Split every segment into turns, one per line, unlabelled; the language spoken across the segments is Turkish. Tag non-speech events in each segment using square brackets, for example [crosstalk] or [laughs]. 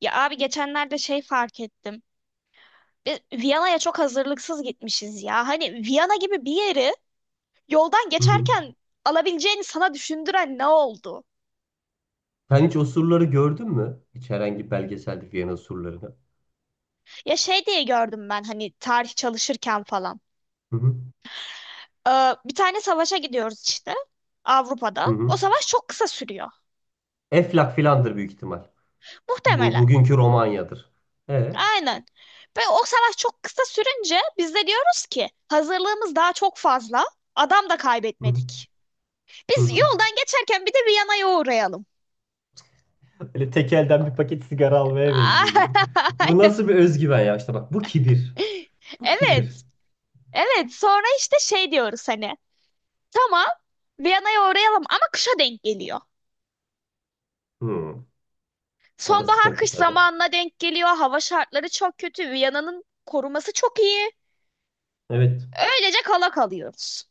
Ya abi geçenlerde şey fark ettim. Biz Viyana'ya çok hazırlıksız gitmişiz ya. Hani Viyana gibi bir yeri yoldan
Hı hı.
geçerken alabileceğini sana düşündüren ne oldu?
Sen hiç osurları gördün mü? Hiç herhangi bir belgeselde Viyana osurlarını.
Ya şey diye gördüm ben hani tarih çalışırken falan.
Hı hı.
Bir tane savaşa gidiyoruz işte Avrupa'da.
Hı
O
hı.
savaş çok kısa sürüyor.
Eflak filandır büyük ihtimal. Bu
Muhtemelen.
bugünkü Romanya'dır. E. Hı
Aynen. Ve o savaş çok kısa sürünce biz de diyoruz ki hazırlığımız daha çok fazla. Adam da
hı.
kaybetmedik.
Hı
Biz
hı.
yoldan geçerken bir de Viyana'ya uğrayalım.
Böyle tek elden bir paket sigara almaya benziyor gibi.
[laughs]
Bu
Aynen.
nasıl bir özgüven ya? İşte bak bu kibir. Bu kibir.
Evet. Evet. Sonra işte şey diyoruz hani. Tamam. Viyana'ya uğrayalım ama kışa denk geliyor.
Hı. O da
Sonbahar
sıkıntı
kış
tabii.
zamanına denk geliyor. Hava şartları çok kötü. Viyana'nın koruması çok iyi.
Evet.
Öylece kala kalıyoruz.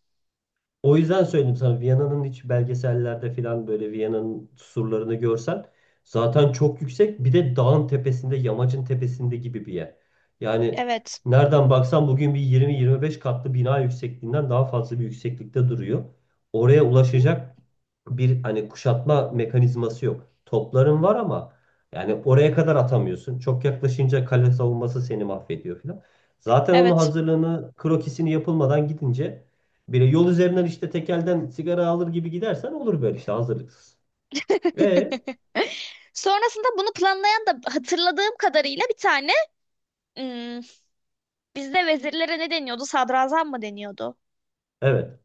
O yüzden söyledim sana, Viyana'nın hiç belgesellerde falan, böyle Viyana'nın surlarını görsen, zaten çok yüksek, bir de dağın tepesinde, yamacın tepesinde gibi bir yer. Yani
Evet.
nereden baksan bugün bir 20-25 katlı bina yüksekliğinden daha fazla bir yükseklikte duruyor. Oraya
Hı hı,
ulaşacak bir hani kuşatma mekanizması yok. Topların var ama yani oraya kadar atamıyorsun. Çok yaklaşınca kale savunması seni mahvediyor falan. Zaten onun
evet.
hazırlığını, krokisini yapılmadan gidince, biri yol üzerinden işte tekelden sigara alır gibi gidersen, olur böyle işte hazırlıksız. Ve
[laughs] Sonrasında bunu planlayan da hatırladığım kadarıyla bir tane hmm, bizde vezirlere ne deniyordu? Sadrazam mı deniyordu?
evet.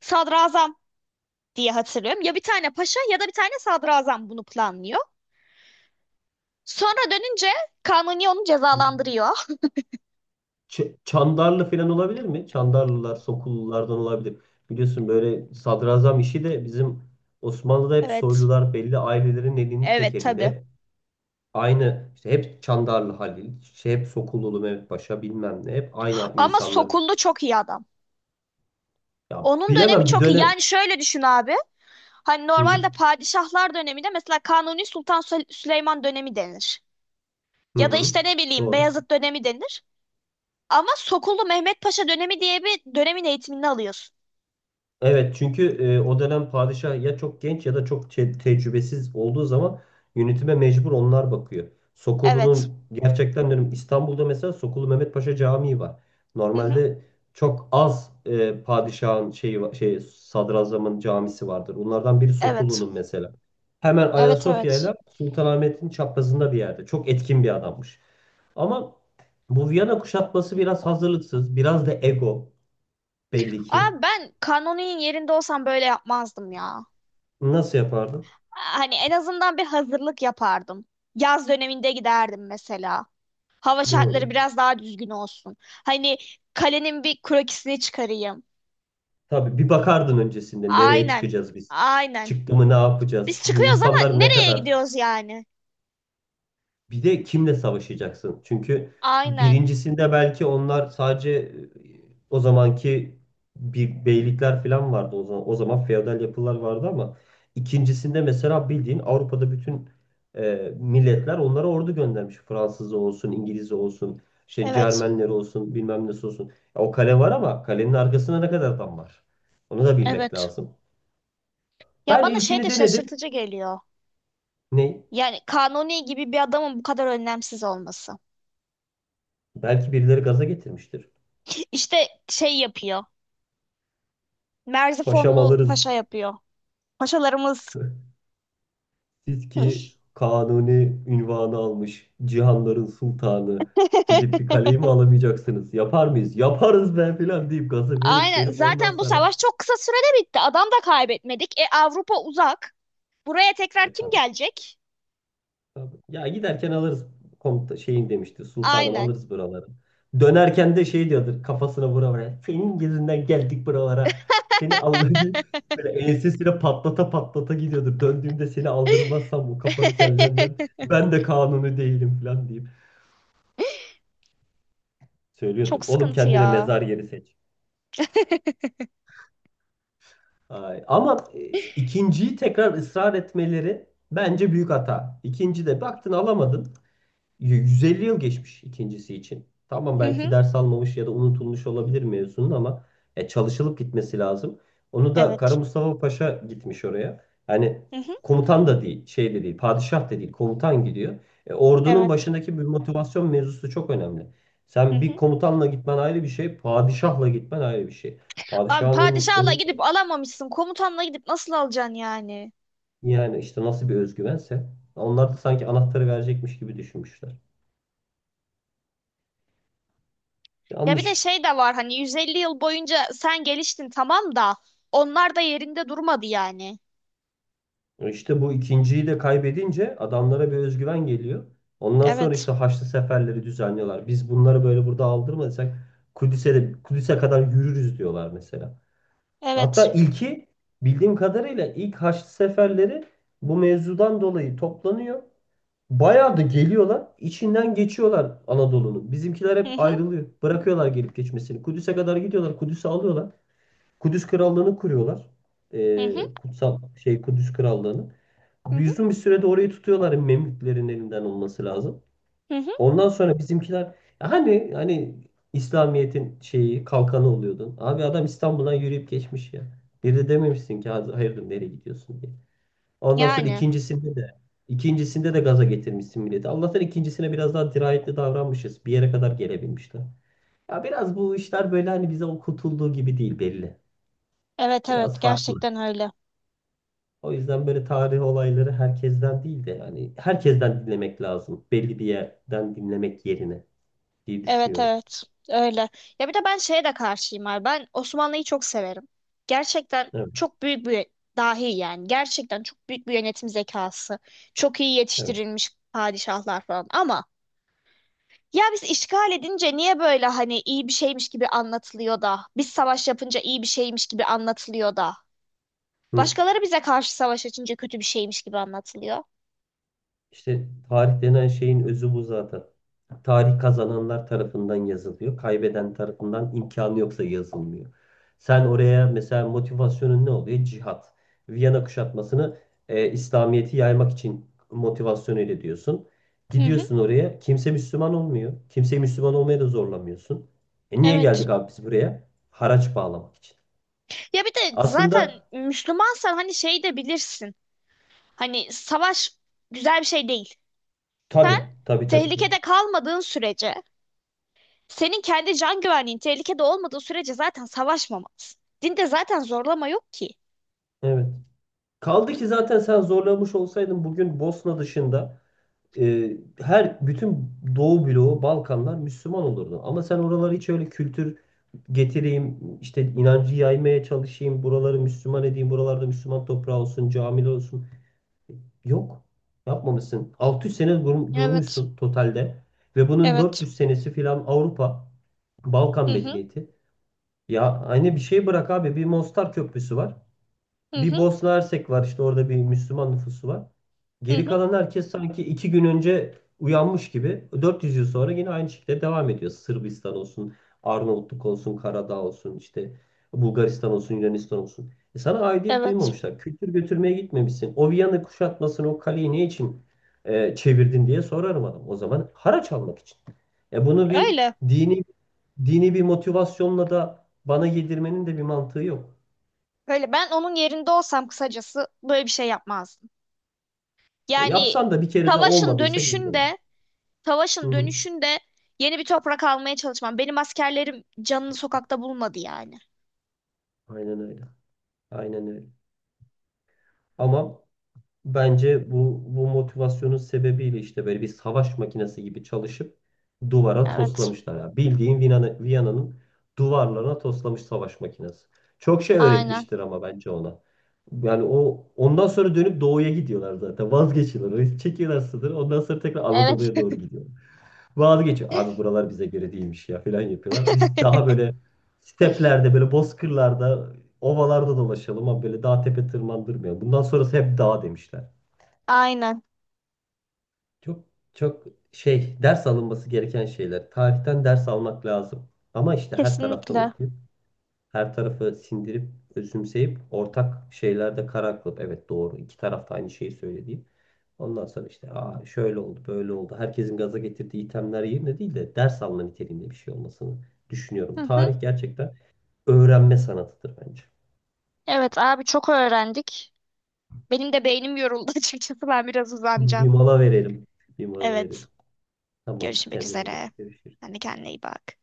Sadrazam diye hatırlıyorum. Ya bir tane paşa ya da bir tane sadrazam bunu planlıyor. Sonra dönünce Kanuni onu cezalandırıyor.
Çandarlı falan olabilir mi? Çandarlılar, Sokullulardan olabilir. Biliyorsun böyle sadrazam işi de bizim Osmanlı'da hep
Evet.
soylular, belli ailelerin elinin
Evet
tekelinde.
tabii.
Hep aynı, işte hep Çandarlı Halil, şey hep Sokullulu Mehmet Paşa, bilmem ne. Hep aynı
Ama
insanların.
Sokullu çok iyi adam.
Ya
Onun dönemi
bilemem, bir
çok iyi.
dönem.
Yani şöyle düşün abi. Hani
Hı
normalde padişahlar döneminde mesela Kanuni Sultan Süleyman dönemi denir.
hı.
Ya da
Hı.
işte ne bileyim
Doğru.
Beyazıt dönemi denir. Ama Sokullu Mehmet Paşa dönemi diye bir dönemin eğitimini alıyorsun.
Evet çünkü o dönem padişah ya çok genç ya da çok tecrübesiz olduğu zaman, yönetime mecbur onlar bakıyor.
Evet.
Sokolu'nun gerçekten diyorum, İstanbul'da mesela Sokolu Mehmet Paşa Camii var.
Hı hı.
Normalde çok az padişahın şeyi şey sadrazamın camisi vardır. Bunlardan biri
Evet.
Sokolu'nun mesela. Hemen
Evet,
Ayasofya
evet.
ile Sultanahmet'in çaprazında bir yerde. Çok etkin bir adammış. Ama bu Viyana kuşatması biraz hazırlıksız, biraz da ego, belli
Aa,
ki.
ben Kanuni'nin yerinde olsam böyle yapmazdım ya.
Nasıl yapardı?
Hani en azından bir hazırlık yapardım. Yaz döneminde giderdim mesela. Hava şartları
Doğru.
biraz daha düzgün olsun. Hani kalenin bir krokisini çıkarayım.
Tabii bir bakardın öncesinde, nereye
Aynen.
çıkacağız biz?
Aynen.
Çıktı mı ne
Biz
yapacağız? Bu
çıkıyoruz ama
insanlar ne
nereye
kadar.
gidiyoruz yani?
Bir de kimle savaşacaksın? Çünkü
Aynen.
birincisinde belki onlar sadece o zamanki bir beylikler falan vardı o zaman. O zaman feodal yapılar vardı ama ikincisinde mesela bildiğin Avrupa'da bütün milletler onlara ordu göndermiş. Fransız olsun, İngiliz olsun, şey
Evet.
Cermenler olsun, bilmem nesi olsun. Ya o kale var ama kalenin arkasında ne kadar adam var? Onu da bilmek
Evet.
lazım.
Ya
Ben
bana şey
ilkini
de
denedim.
şaşırtıcı geliyor.
Ne?
Yani Kanuni gibi bir adamın bu kadar önlemsiz olması.
Belki birileri gaza getirmiştir.
[laughs] İşte şey yapıyor.
Paşam
Merzifonlu
alırız.
paşa yapıyor. Paşalarımız
[laughs] Siz ki kanuni ünvanı almış, cihanların sultanı, gidip bir
[laughs]
kaleyi mi alamayacaksınız? Yapar mıyız? Yaparız be filan deyip, gazı verip
aynen.
verip ondan
Zaten bu
sonra,
savaş çok kısa sürede bitti. Adam da kaybetmedik. E Avrupa uzak. Buraya tekrar
e
kim
tabii,
gelecek?
tabii. Ya giderken alırız, komuta şeyin demişti. Sultanım
Aynen.
alırız buraları. Dönerken de şey diyordur kafasına vura vura. Senin yüzünden geldik buralara. Seni Allah diye böyle ensesine patlata patlata gidiyordur. Döndüğümde seni aldırmazsam bu kafanı kellenden,
[laughs]
ben de kanuni değilim filan diye. Söylüyordur.
Çok
Oğlum
sıkıntı
kendine
ya.
mezar yeri seç. Ay. Ama ikinciyi tekrar ısrar etmeleri bence büyük hata. İkinci de baktın alamadın. 150 yıl geçmiş ikincisi için. Tamam
Hı
belki
hı.
ders almamış ya da unutulmuş olabilir mevzunun ama çalışılıp gitmesi lazım. Onu da Kara
Evet.
Mustafa Paşa gitmiş oraya. Yani
Hı hı.
komutan da değil, şey de değil, padişah da değil, komutan gidiyor. Ordunun
Evet.
başındaki bir motivasyon mevzusu çok önemli.
Hı
Sen bir
hı.
komutanla gitmen ayrı bir şey, padişahla gitmen ayrı bir şey.
Abi
Padişahın önün,
padişahla
önün,
gidip alamamışsın. Komutanla gidip nasıl alacaksın yani?
yani işte nasıl bir özgüvense, onlar da sanki anahtarı verecekmiş gibi düşünmüşler.
Ya bir de
Yanlış.
şey de var hani 150 yıl boyunca sen geliştin tamam da onlar da yerinde durmadı yani.
İşte bu ikinciyi de kaybedince adamlara bir özgüven geliyor. Ondan sonra
Evet.
işte Haçlı seferleri düzenliyorlar. Biz bunları böyle burada aldırmadıysak, Kudüs'e de, Kudüs'e kadar yürürüz diyorlar mesela. Hatta
Evet.
ilki, bildiğim kadarıyla ilk Haçlı seferleri bu mevzudan dolayı toplanıyor. Bayağı da geliyorlar. İçinden geçiyorlar Anadolu'nun. Bizimkiler
Hı
hep
hı.
ayrılıyor. Bırakıyorlar gelip geçmesini. Kudüs'e kadar gidiyorlar. Kudüs'ü alıyorlar. Kudüs Krallığı'nı kuruyorlar.
Hı hı.
Kutsal şey Kudüs Krallığı'nı.
Hı
Bir
hı.
uzun bir sürede orayı tutuyorlar, Memlüklerin elinden olması lazım.
Hı hı.
Ondan sonra bizimkiler hani İslamiyet'in şeyi kalkanı oluyordun. Abi adam İstanbul'dan yürüyüp geçmiş ya. Bir de dememişsin ki hayırdır nereye gidiyorsun" diye. Ondan sonra
Yani.
ikincisinde de, ikincisinde de gaza getirmişsin milleti. Allah'tan ikincisine biraz daha dirayetli davranmışız. Bir yere kadar gelebilmişler. Ya biraz bu işler böyle hani bize okutulduğu gibi değil belli.
Evet, evet
Biraz farklı.
gerçekten öyle.
O yüzden böyle tarih olayları herkesten değil de, yani herkesten dinlemek lazım, belli bir yerden dinlemek yerine, diye
Evet,
düşünüyorum.
evet öyle. Ya bir de ben şeye de karşıyım abi. Ben Osmanlı'yı çok severim. Gerçekten
Evet,
çok büyük bir dahi yani. Gerçekten çok büyük bir yönetim zekası. Çok iyi
evet.
yetiştirilmiş padişahlar falan. Ama ya biz işgal edince niye böyle hani iyi bir şeymiş gibi anlatılıyor da. Biz savaş yapınca iyi bir şeymiş gibi anlatılıyor da.
Hı.
Başkaları bize karşı savaş açınca kötü bir şeymiş gibi anlatılıyor.
İşte tarih denen şeyin özü bu zaten. Tarih kazananlar tarafından yazılıyor. Kaybeden tarafından, imkanı yoksa, yazılmıyor. Sen oraya mesela motivasyonun ne oluyor? Cihat. Viyana kuşatmasını İslamiyet'i yaymak için motivasyon ile diyorsun.
Hı hı,
Gidiyorsun oraya. Kimse Müslüman olmuyor. Kimseyi Müslüman olmaya da zorlamıyorsun. E niye
evet.
geldik abi biz buraya? Haraç bağlamak için.
Ya bir de zaten
Aslında
Müslümansan hani şey de bilirsin. Hani savaş güzel bir şey değil. Sen
tabii, tabii, tabii, tabii.
tehlikede kalmadığın sürece, senin kendi can güvenliğin tehlikede olmadığı sürece zaten savaşmamalısın. Dinde zaten zorlama yok ki.
Evet. Kaldı ki zaten sen zorlamış olsaydın, bugün Bosna dışında her bütün Doğu bloğu, Balkanlar Müslüman olurdu. Ama sen oraları hiç öyle, kültür getireyim, işte inancı yaymaya çalışayım, buraları Müslüman edeyim, buralarda Müslüman toprağı olsun, camiler olsun. Yok. Yapmamışsın. 600 sene
Evet.
durmuşsun totalde, ve bunun
Evet.
400 senesi filan Avrupa,
Hı
Balkan
hı.
medeniyeti. Ya aynı bir şey bırak abi. Bir Mostar Köprüsü var.
Hı
Bir
hı.
Bosna Hersek var işte, orada bir Müslüman nüfusu var.
Hı
Geri
hı.
kalan herkes sanki iki gün önce uyanmış gibi 400 yıl sonra yine aynı şekilde devam ediyor. Sırbistan olsun, Arnavutluk olsun, Karadağ olsun, işte Bulgaristan olsun, Yunanistan olsun. E sana aidiyet
Evet.
duymamışlar. Kültür götürmeye gitmemişsin. O Viyana kuşatmasını, o kaleyi ne için çevirdin diye sorarım adam. O zaman haraç almak için. E bunu bir
Öyle.
dini dini bir motivasyonla da bana yedirmenin de bir mantığı yok.
Öyle, ben onun yerinde olsam kısacası böyle bir şey yapmazdım. Yani
Yapsan da bir kere de
savaşın
olmadıysa geri dön.
dönüşünde,
Hı
savaşın
hı.
dönüşünde yeni bir toprak almaya çalışmam. Benim askerlerim canını sokakta bulmadı yani.
Aynen öyle. Aynen öyle. Ama bence bu motivasyonun sebebiyle işte böyle bir savaş makinesi gibi çalışıp duvara
Evet.
toslamışlar ya. Bildiğin Viyana'nın duvarlarına toslamış savaş makinesi. Çok şey
Aynen.
öğretmiştir ama bence ona. Yani o, ondan sonra dönüp doğuya gidiyorlar zaten. Vazgeçiyorlar. Çekiyorlar sınırı. Ondan sonra tekrar
Evet.
Anadolu'ya doğru gidiyor. Vazgeçiyor.
[laughs]
Abi buralar bize göre değilmiş ya falan yapıyorlar. Biz daha
[laughs]
böyle steplerde, böyle bozkırlarda, ovalarda dolaşalım ama böyle dağ tepe tırmandırmayalım. Bundan sonrası hep dağ demişler.
Aynen.
Çok çok şey, ders alınması gereken şeyler. Tarihten ders almak lazım. Ama işte her taraftan
Kesinlikle.
okuyup, her tarafı sindirip, özümseyip, ortak şeylerde karar kılıp, evet doğru iki taraf da aynı şeyi söylediğim. Ondan sonra işte, aa, şöyle oldu böyle oldu, herkesin gaza getirdiği itemler yerine değil de ders alma niteliğinde bir şey olmasını düşünüyorum.
Hı hı.
Tarih gerçekten öğrenme sanatıdır bence.
Evet abi çok öğrendik. Benim de beynim yoruldu [laughs] açıkçası. Ben biraz
Bir
uzanacağım.
mola verelim. Bir mola
Evet.
verelim. Tamamdır,
Görüşmek
kendine iyi bak.
üzere.
Görüşürüz.
Sen de kendine iyi bak.